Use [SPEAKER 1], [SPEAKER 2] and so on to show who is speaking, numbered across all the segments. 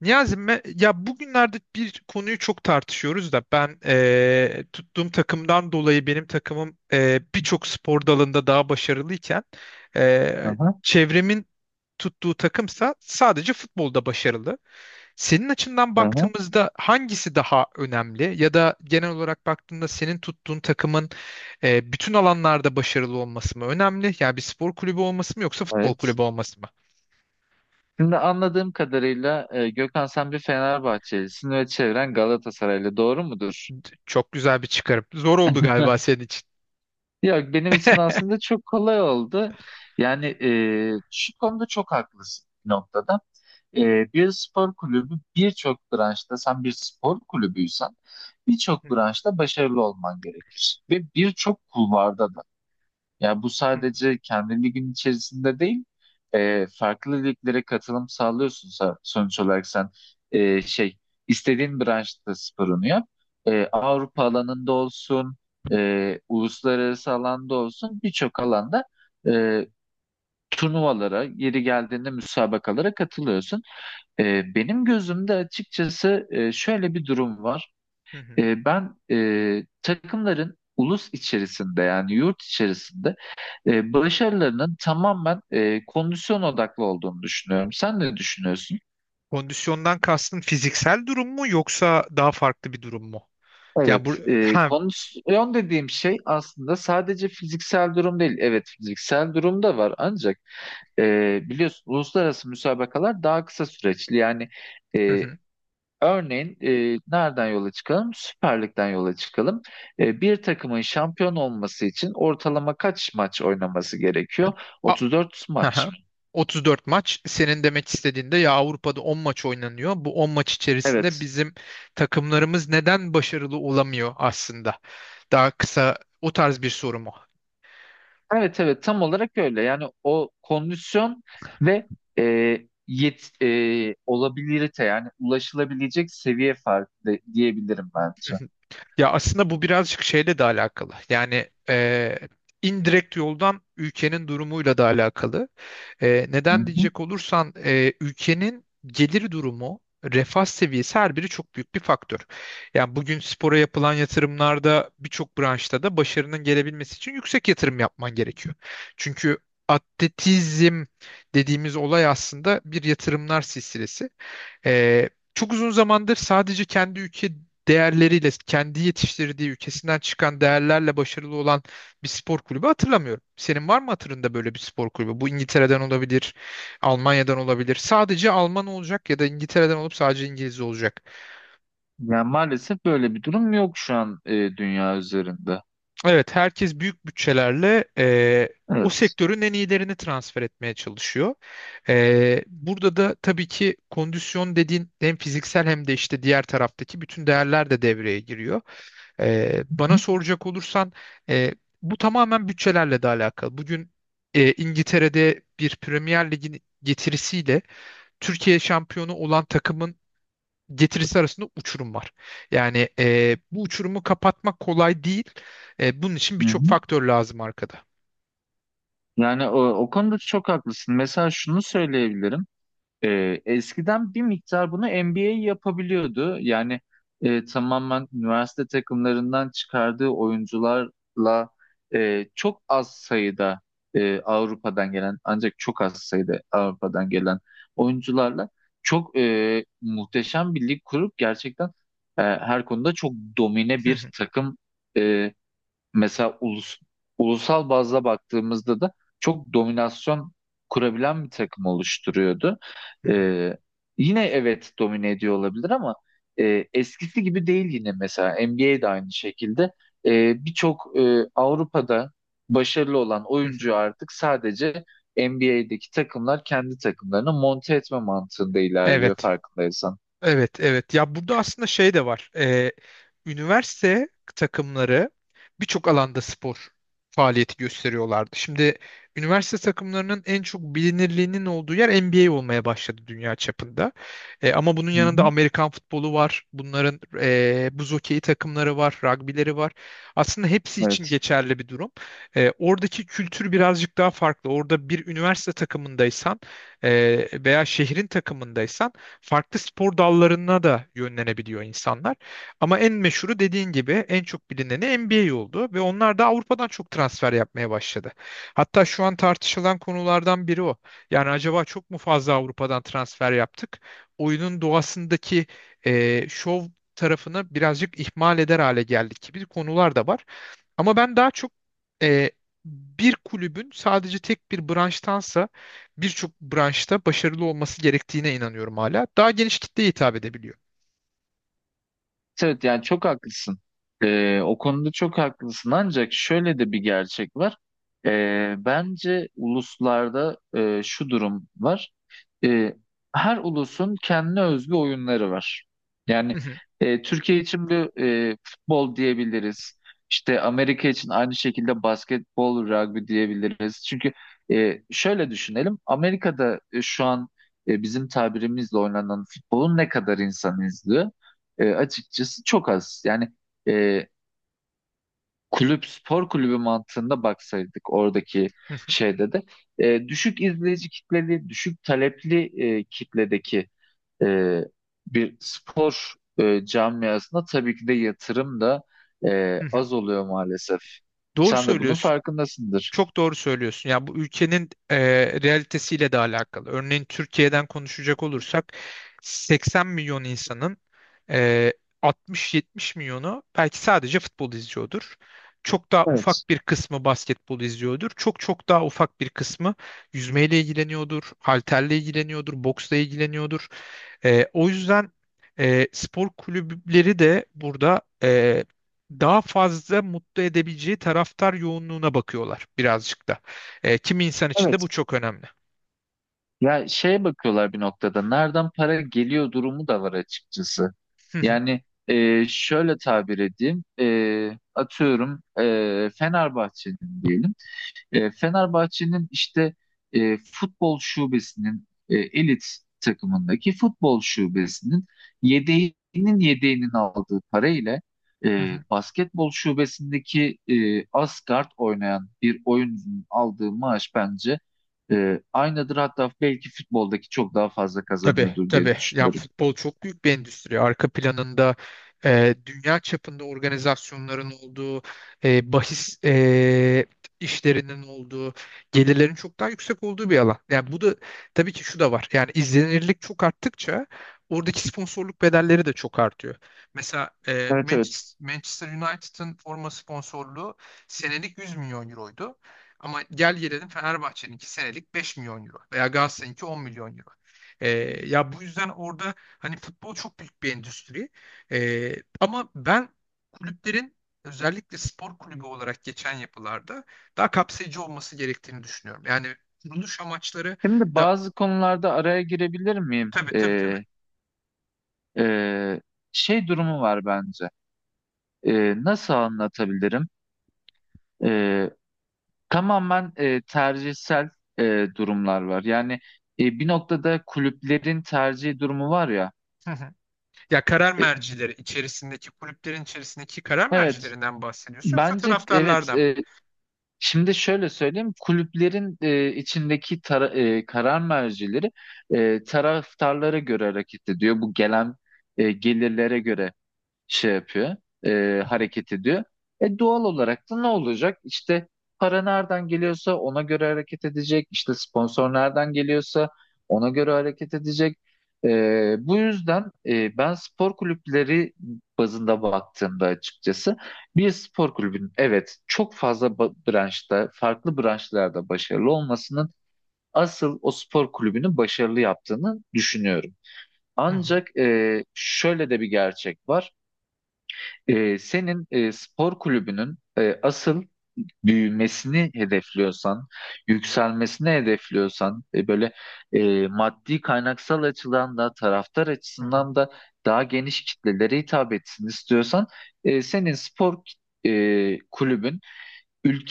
[SPEAKER 1] Niyazi, ya bugünlerde bir konuyu çok tartışıyoruz da ben tuttuğum takımdan dolayı benim takımım birçok spor dalında daha başarılıyken
[SPEAKER 2] Aha,
[SPEAKER 1] çevremin tuttuğu takımsa sadece futbolda başarılı. Senin açından
[SPEAKER 2] aha,
[SPEAKER 1] baktığımızda hangisi daha önemli ya da genel olarak baktığında senin tuttuğun takımın bütün alanlarda başarılı olması mı önemli? Yani bir spor kulübü olması mı yoksa futbol
[SPEAKER 2] evet.
[SPEAKER 1] kulübü olması mı?
[SPEAKER 2] Şimdi anladığım kadarıyla Gökhan sen bir Fenerbahçelisin ve çevren Galatasaraylı. Doğru mudur?
[SPEAKER 1] Çok güzel bir çıkarım. Zor oldu galiba senin için.
[SPEAKER 2] Yok benim için aslında çok kolay oldu. Yani şu konuda çok haklısın bir noktada. E, Bir spor kulübü birçok branşta sen bir spor kulübüysen birçok branşta başarılı olman gerekir. Ve birçok kulvarda da. Yani bu sadece kendi ligin içerisinde değil, farklı liglere katılım sağlıyorsun sonuç olarak sen E, şey istediğin branşta sporunu yap. Avrupa alanında olsun, uluslararası alanda olsun birçok alanda e, turnuvalara, yeri geldiğinde müsabakalara katılıyorsun. Benim gözümde açıkçası şöyle bir durum var.
[SPEAKER 1] Hı hı.
[SPEAKER 2] Ben takımların ulus içerisinde yani yurt içerisinde başarılarının tamamen kondisyon odaklı olduğunu düşünüyorum. Sen ne düşünüyorsun?
[SPEAKER 1] Kondisyondan kastın fiziksel durum mu yoksa daha farklı bir durum mu? Yani bu
[SPEAKER 2] Evet,
[SPEAKER 1] ha
[SPEAKER 2] kondisyon dediğim şey aslında sadece fiziksel durum değil. Evet, fiziksel durum da var ancak biliyorsun uluslararası müsabakalar daha kısa süreçli. Yani
[SPEAKER 1] hı
[SPEAKER 2] e,
[SPEAKER 1] hı.
[SPEAKER 2] örneğin nereden yola çıkalım? Süper Lig'den yola çıkalım. Bir takımın şampiyon olması için ortalama kaç maç oynaması gerekiyor?
[SPEAKER 1] A-
[SPEAKER 2] 34
[SPEAKER 1] hı
[SPEAKER 2] maç
[SPEAKER 1] hı.
[SPEAKER 2] mı?
[SPEAKER 1] 34 maç senin demek istediğinde ya Avrupa'da 10 maç oynanıyor. Bu 10 maç içerisinde
[SPEAKER 2] Evet.
[SPEAKER 1] bizim takımlarımız neden başarılı olamıyor aslında? Daha kısa o tarz bir soru mu?
[SPEAKER 2] Evet, evet, tam olarak öyle. Yani o kondisyon ve e, olabilirite yani ulaşılabilecek seviye farkı diyebilirim
[SPEAKER 1] Hı
[SPEAKER 2] bence.
[SPEAKER 1] hı. Ya aslında bu birazcık şeyle de alakalı. Yani indirekt yoldan ülkenin durumuyla da alakalı.
[SPEAKER 2] Hı
[SPEAKER 1] Neden
[SPEAKER 2] hı.
[SPEAKER 1] diyecek olursan ülkenin gelir durumu, refah seviyesi her biri çok büyük bir faktör. Yani bugün spora yapılan yatırımlarda birçok branşta da başarının gelebilmesi için yüksek yatırım yapman gerekiyor. Çünkü atletizm dediğimiz olay aslında bir yatırımlar silsilesi. Çok uzun zamandır sadece kendi ülke değerleriyle, kendi yetiştirdiği ülkesinden çıkan değerlerle başarılı olan bir spor kulübü hatırlamıyorum. Senin var mı hatırında böyle bir spor kulübü? Bu İngiltere'den olabilir, Almanya'dan olabilir. Sadece Alman olacak ya da İngiltere'den olup sadece İngiliz olacak.
[SPEAKER 2] Yani maalesef böyle bir durum yok şu an dünya üzerinde.
[SPEAKER 1] Evet, herkes büyük bütçelerle o
[SPEAKER 2] Evet.
[SPEAKER 1] sektörün en iyilerini transfer etmeye çalışıyor. Burada da tabii ki kondisyon dediğin hem fiziksel hem de işte diğer taraftaki bütün değerler de devreye giriyor.
[SPEAKER 2] Hı
[SPEAKER 1] Bana soracak olursan e, bu tamamen bütçelerle de alakalı. Bugün İngiltere'de bir Premier Lig'in getirisiyle Türkiye şampiyonu olan takımın getirisi arasında uçurum var. Yani bu uçurumu kapatmak kolay değil. Bunun için birçok
[SPEAKER 2] hı.
[SPEAKER 1] faktör lazım arkada.
[SPEAKER 2] Yani o konuda çok haklısın. Mesela şunu söyleyebilirim. Eskiden bir miktar bunu NBA yapabiliyordu. Yani tamamen üniversite takımlarından çıkardığı oyuncularla çok az sayıda Avrupa'dan gelen ancak çok az sayıda Avrupa'dan gelen oyuncularla çok muhteşem bir lig kurup gerçekten her konuda çok domine
[SPEAKER 1] Hı
[SPEAKER 2] bir
[SPEAKER 1] hı,
[SPEAKER 2] takım. e, Mesela ulusal bazda baktığımızda da çok dominasyon kurabilen bir takım oluşturuyordu.
[SPEAKER 1] hı hı,
[SPEAKER 2] Ee, Yine evet domine ediyor olabilir ama eskisi gibi değil yine mesela NBA'de aynı şekilde. Birçok Avrupa'da başarılı olan
[SPEAKER 1] hı hı.
[SPEAKER 2] oyuncu artık sadece NBA'deki takımlar kendi takımlarını monte etme mantığında ilerliyor,
[SPEAKER 1] Evet.
[SPEAKER 2] farkındaysan.
[SPEAKER 1] Evet, evet. Ya burada aslında şey de var. Üniversite takımları birçok alanda spor faaliyeti gösteriyorlardı. Şimdi üniversite takımlarının en çok bilinirliğinin olduğu yer NBA olmaya başladı dünya çapında. Ama bunun
[SPEAKER 2] Hı
[SPEAKER 1] yanında
[SPEAKER 2] hı.
[SPEAKER 1] Amerikan futbolu var. Bunların buz hokeyi takımları var, ragbileri var. Aslında hepsi için
[SPEAKER 2] Evet.
[SPEAKER 1] geçerli bir durum. Oradaki kültür birazcık daha farklı. Orada bir üniversite takımındaysan veya şehrin takımındaysan farklı spor dallarına da yönlenebiliyor insanlar. Ama en meşhuru dediğin gibi en çok bilineni NBA oldu ve onlar da Avrupa'dan çok transfer yapmaya başladı. Hatta şu an tartışılan konulardan biri o. Yani acaba çok mu fazla Avrupa'dan transfer yaptık? Oyunun doğasındaki şov tarafını birazcık ihmal eder hale geldik gibi konular da var. Ama ben daha çok e, bir kulübün sadece tek bir branştansa birçok branşta başarılı olması gerektiğine inanıyorum hala. Daha geniş kitleye hitap edebiliyor.
[SPEAKER 2] Evet, evet, yani çok haklısın. O konuda çok haklısın. Ancak şöyle de bir gerçek var. Bence uluslarda şu durum var. Ee, Her ulusun kendine özgü oyunları var.
[SPEAKER 1] Hı
[SPEAKER 2] Yani
[SPEAKER 1] hı,
[SPEAKER 2] Türkiye için bir futbol diyebiliriz. İşte Amerika için aynı şekilde basketbol, rugby diyebiliriz. Çünkü şöyle düşünelim. Amerika'da şu an bizim tabirimizle oynanan futbolun ne kadar insan izliyor? Açıkçası çok az. Yani e, kulüp spor kulübü mantığında baksaydık oradaki
[SPEAKER 1] hı hı,
[SPEAKER 2] şeyde de düşük izleyici kitleli, düşük talepli kitledeki e, bir spor camiasına tabii ki de yatırım da
[SPEAKER 1] hı hı.
[SPEAKER 2] az oluyor maalesef.
[SPEAKER 1] Doğru
[SPEAKER 2] Sen de bunun
[SPEAKER 1] söylüyorsun.
[SPEAKER 2] farkındasındır.
[SPEAKER 1] Çok doğru söylüyorsun. Ya bu ülkenin realitesiyle de alakalı. Örneğin Türkiye'den konuşacak olursak 80 milyon insanın e, 60-70 milyonu belki sadece futbol izliyordur. Çok daha
[SPEAKER 2] Evet.
[SPEAKER 1] ufak bir kısmı basketbol izliyordur. Çok çok daha ufak bir kısmı yüzmeyle ilgileniyordur, halterle ilgileniyordur, boksla ilgileniyordur. O yüzden spor kulüpleri de burada daha fazla mutlu edebileceği taraftar yoğunluğuna bakıyorlar birazcık da. Kimi insan için de
[SPEAKER 2] Evet.
[SPEAKER 1] bu çok önemli.
[SPEAKER 2] Ya şeye bakıyorlar bir noktada. Nereden para geliyor durumu da var açıkçası.
[SPEAKER 1] Hı hı.
[SPEAKER 2] Yani şöyle tabir edeyim. Atıyorum Fenerbahçe'nin diyelim. Fenerbahçe'nin işte futbol şubesinin elit takımındaki futbol şubesinin yedeğinin yedeğinin aldığı parayla
[SPEAKER 1] Hı hı.
[SPEAKER 2] basketbol şubesindeki asgard oynayan bir oyuncunun aldığı maaş bence aynıdır. Hatta belki futboldaki çok daha fazla
[SPEAKER 1] Tabii
[SPEAKER 2] kazanıyordur diye
[SPEAKER 1] tabii. Ya
[SPEAKER 2] düşünüyorum.
[SPEAKER 1] futbol çok büyük bir endüstri. Arka planında dünya çapında organizasyonların olduğu, bahis işlerinin olduğu, gelirlerin çok daha yüksek olduğu bir alan. Yani bu da tabii ki şu da var. Yani izlenirlik çok arttıkça oradaki sponsorluk bedelleri de çok artıyor. Mesela
[SPEAKER 2] Evet, evet.
[SPEAKER 1] Manchester United'ın forma sponsorluğu senelik 100 milyon euroydu. Ama gel gelelim Fenerbahçe'ninki senelik 5 milyon euro veya Galatasaray'ınki 10 milyon euro. Ee, ya bu yüzden orada hani futbol çok büyük bir endüstri. Ama ben kulüplerin özellikle spor kulübü olarak geçen yapılarda daha kapsayıcı olması gerektiğini düşünüyorum. Yani kuruluş amaçları
[SPEAKER 2] Şimdi
[SPEAKER 1] da
[SPEAKER 2] bazı konularda araya girebilir miyim?
[SPEAKER 1] tabii tabii tabii.
[SPEAKER 2] E, Şey durumu var bence. Nasıl anlatabilirim? E, Tamamen tercihsel durumlar var. Yani bir noktada kulüplerin tercih durumu var ya.
[SPEAKER 1] Hı hı. Ya karar
[SPEAKER 2] E,
[SPEAKER 1] mercileri içerisindeki kulüplerin içerisindeki karar
[SPEAKER 2] evet,
[SPEAKER 1] mercilerinden bahsediyorsun yoksa
[SPEAKER 2] bence evet.
[SPEAKER 1] taraftarlardan mı?
[SPEAKER 2] Şimdi şöyle söyleyeyim, kulüplerin içindeki karar mercileri taraftarlara göre hareket ediyor. Bu gelen gelirlere göre şey yapıyor, hareket ediyor. E doğal olarak da ne olacak? İşte para nereden geliyorsa ona göre hareket edecek. İşte sponsor nereden geliyorsa ona göre hareket edecek. Bu yüzden ben spor kulüpleri bazında baktığımda açıkçası bir spor kulübünün evet çok fazla branşta, farklı branşlarda başarılı olmasının asıl o spor kulübünü başarılı yaptığını düşünüyorum.
[SPEAKER 1] Hı hı,
[SPEAKER 2] Ancak şöyle de bir gerçek var. Senin spor kulübünün asıl büyümesini hedefliyorsan, yükselmesini hedefliyorsan, böyle maddi kaynaksal açıdan da taraftar
[SPEAKER 1] hı hı.
[SPEAKER 2] açısından da daha geniş kitlelere hitap etsin istiyorsan, senin spor kulübün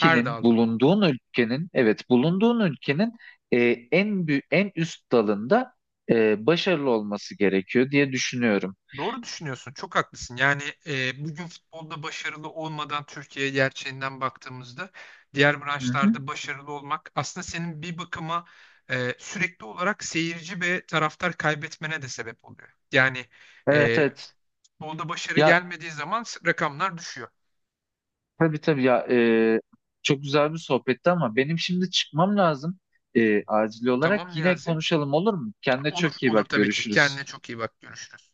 [SPEAKER 1] Her dalda.
[SPEAKER 2] bulunduğun ülkenin, bulunduğun ülkenin e, en büyük, en üst dalında başarılı olması gerekiyor diye düşünüyorum.
[SPEAKER 1] Doğru düşünüyorsun. Çok haklısın. Yani bugün futbolda başarılı olmadan Türkiye gerçeğinden baktığımızda diğer
[SPEAKER 2] Hı hı.
[SPEAKER 1] branşlarda başarılı olmak aslında senin bir bakıma sürekli olarak seyirci ve taraftar kaybetmene de sebep oluyor. Yani
[SPEAKER 2] Evet,
[SPEAKER 1] e,
[SPEAKER 2] evet.
[SPEAKER 1] futbolda başarı
[SPEAKER 2] Ya
[SPEAKER 1] gelmediği zaman rakamlar düşüyor.
[SPEAKER 2] tabii, tabii ya, çok güzel bir sohbetti ama benim şimdi çıkmam lazım acil olarak.
[SPEAKER 1] Tamam
[SPEAKER 2] Yine
[SPEAKER 1] Niyazi.
[SPEAKER 2] konuşalım olur mu? Kendine
[SPEAKER 1] Olur,
[SPEAKER 2] çok iyi
[SPEAKER 1] olur
[SPEAKER 2] bak,
[SPEAKER 1] tabii ki.
[SPEAKER 2] görüşürüz.
[SPEAKER 1] Kendine çok iyi bak. Görüşürüz.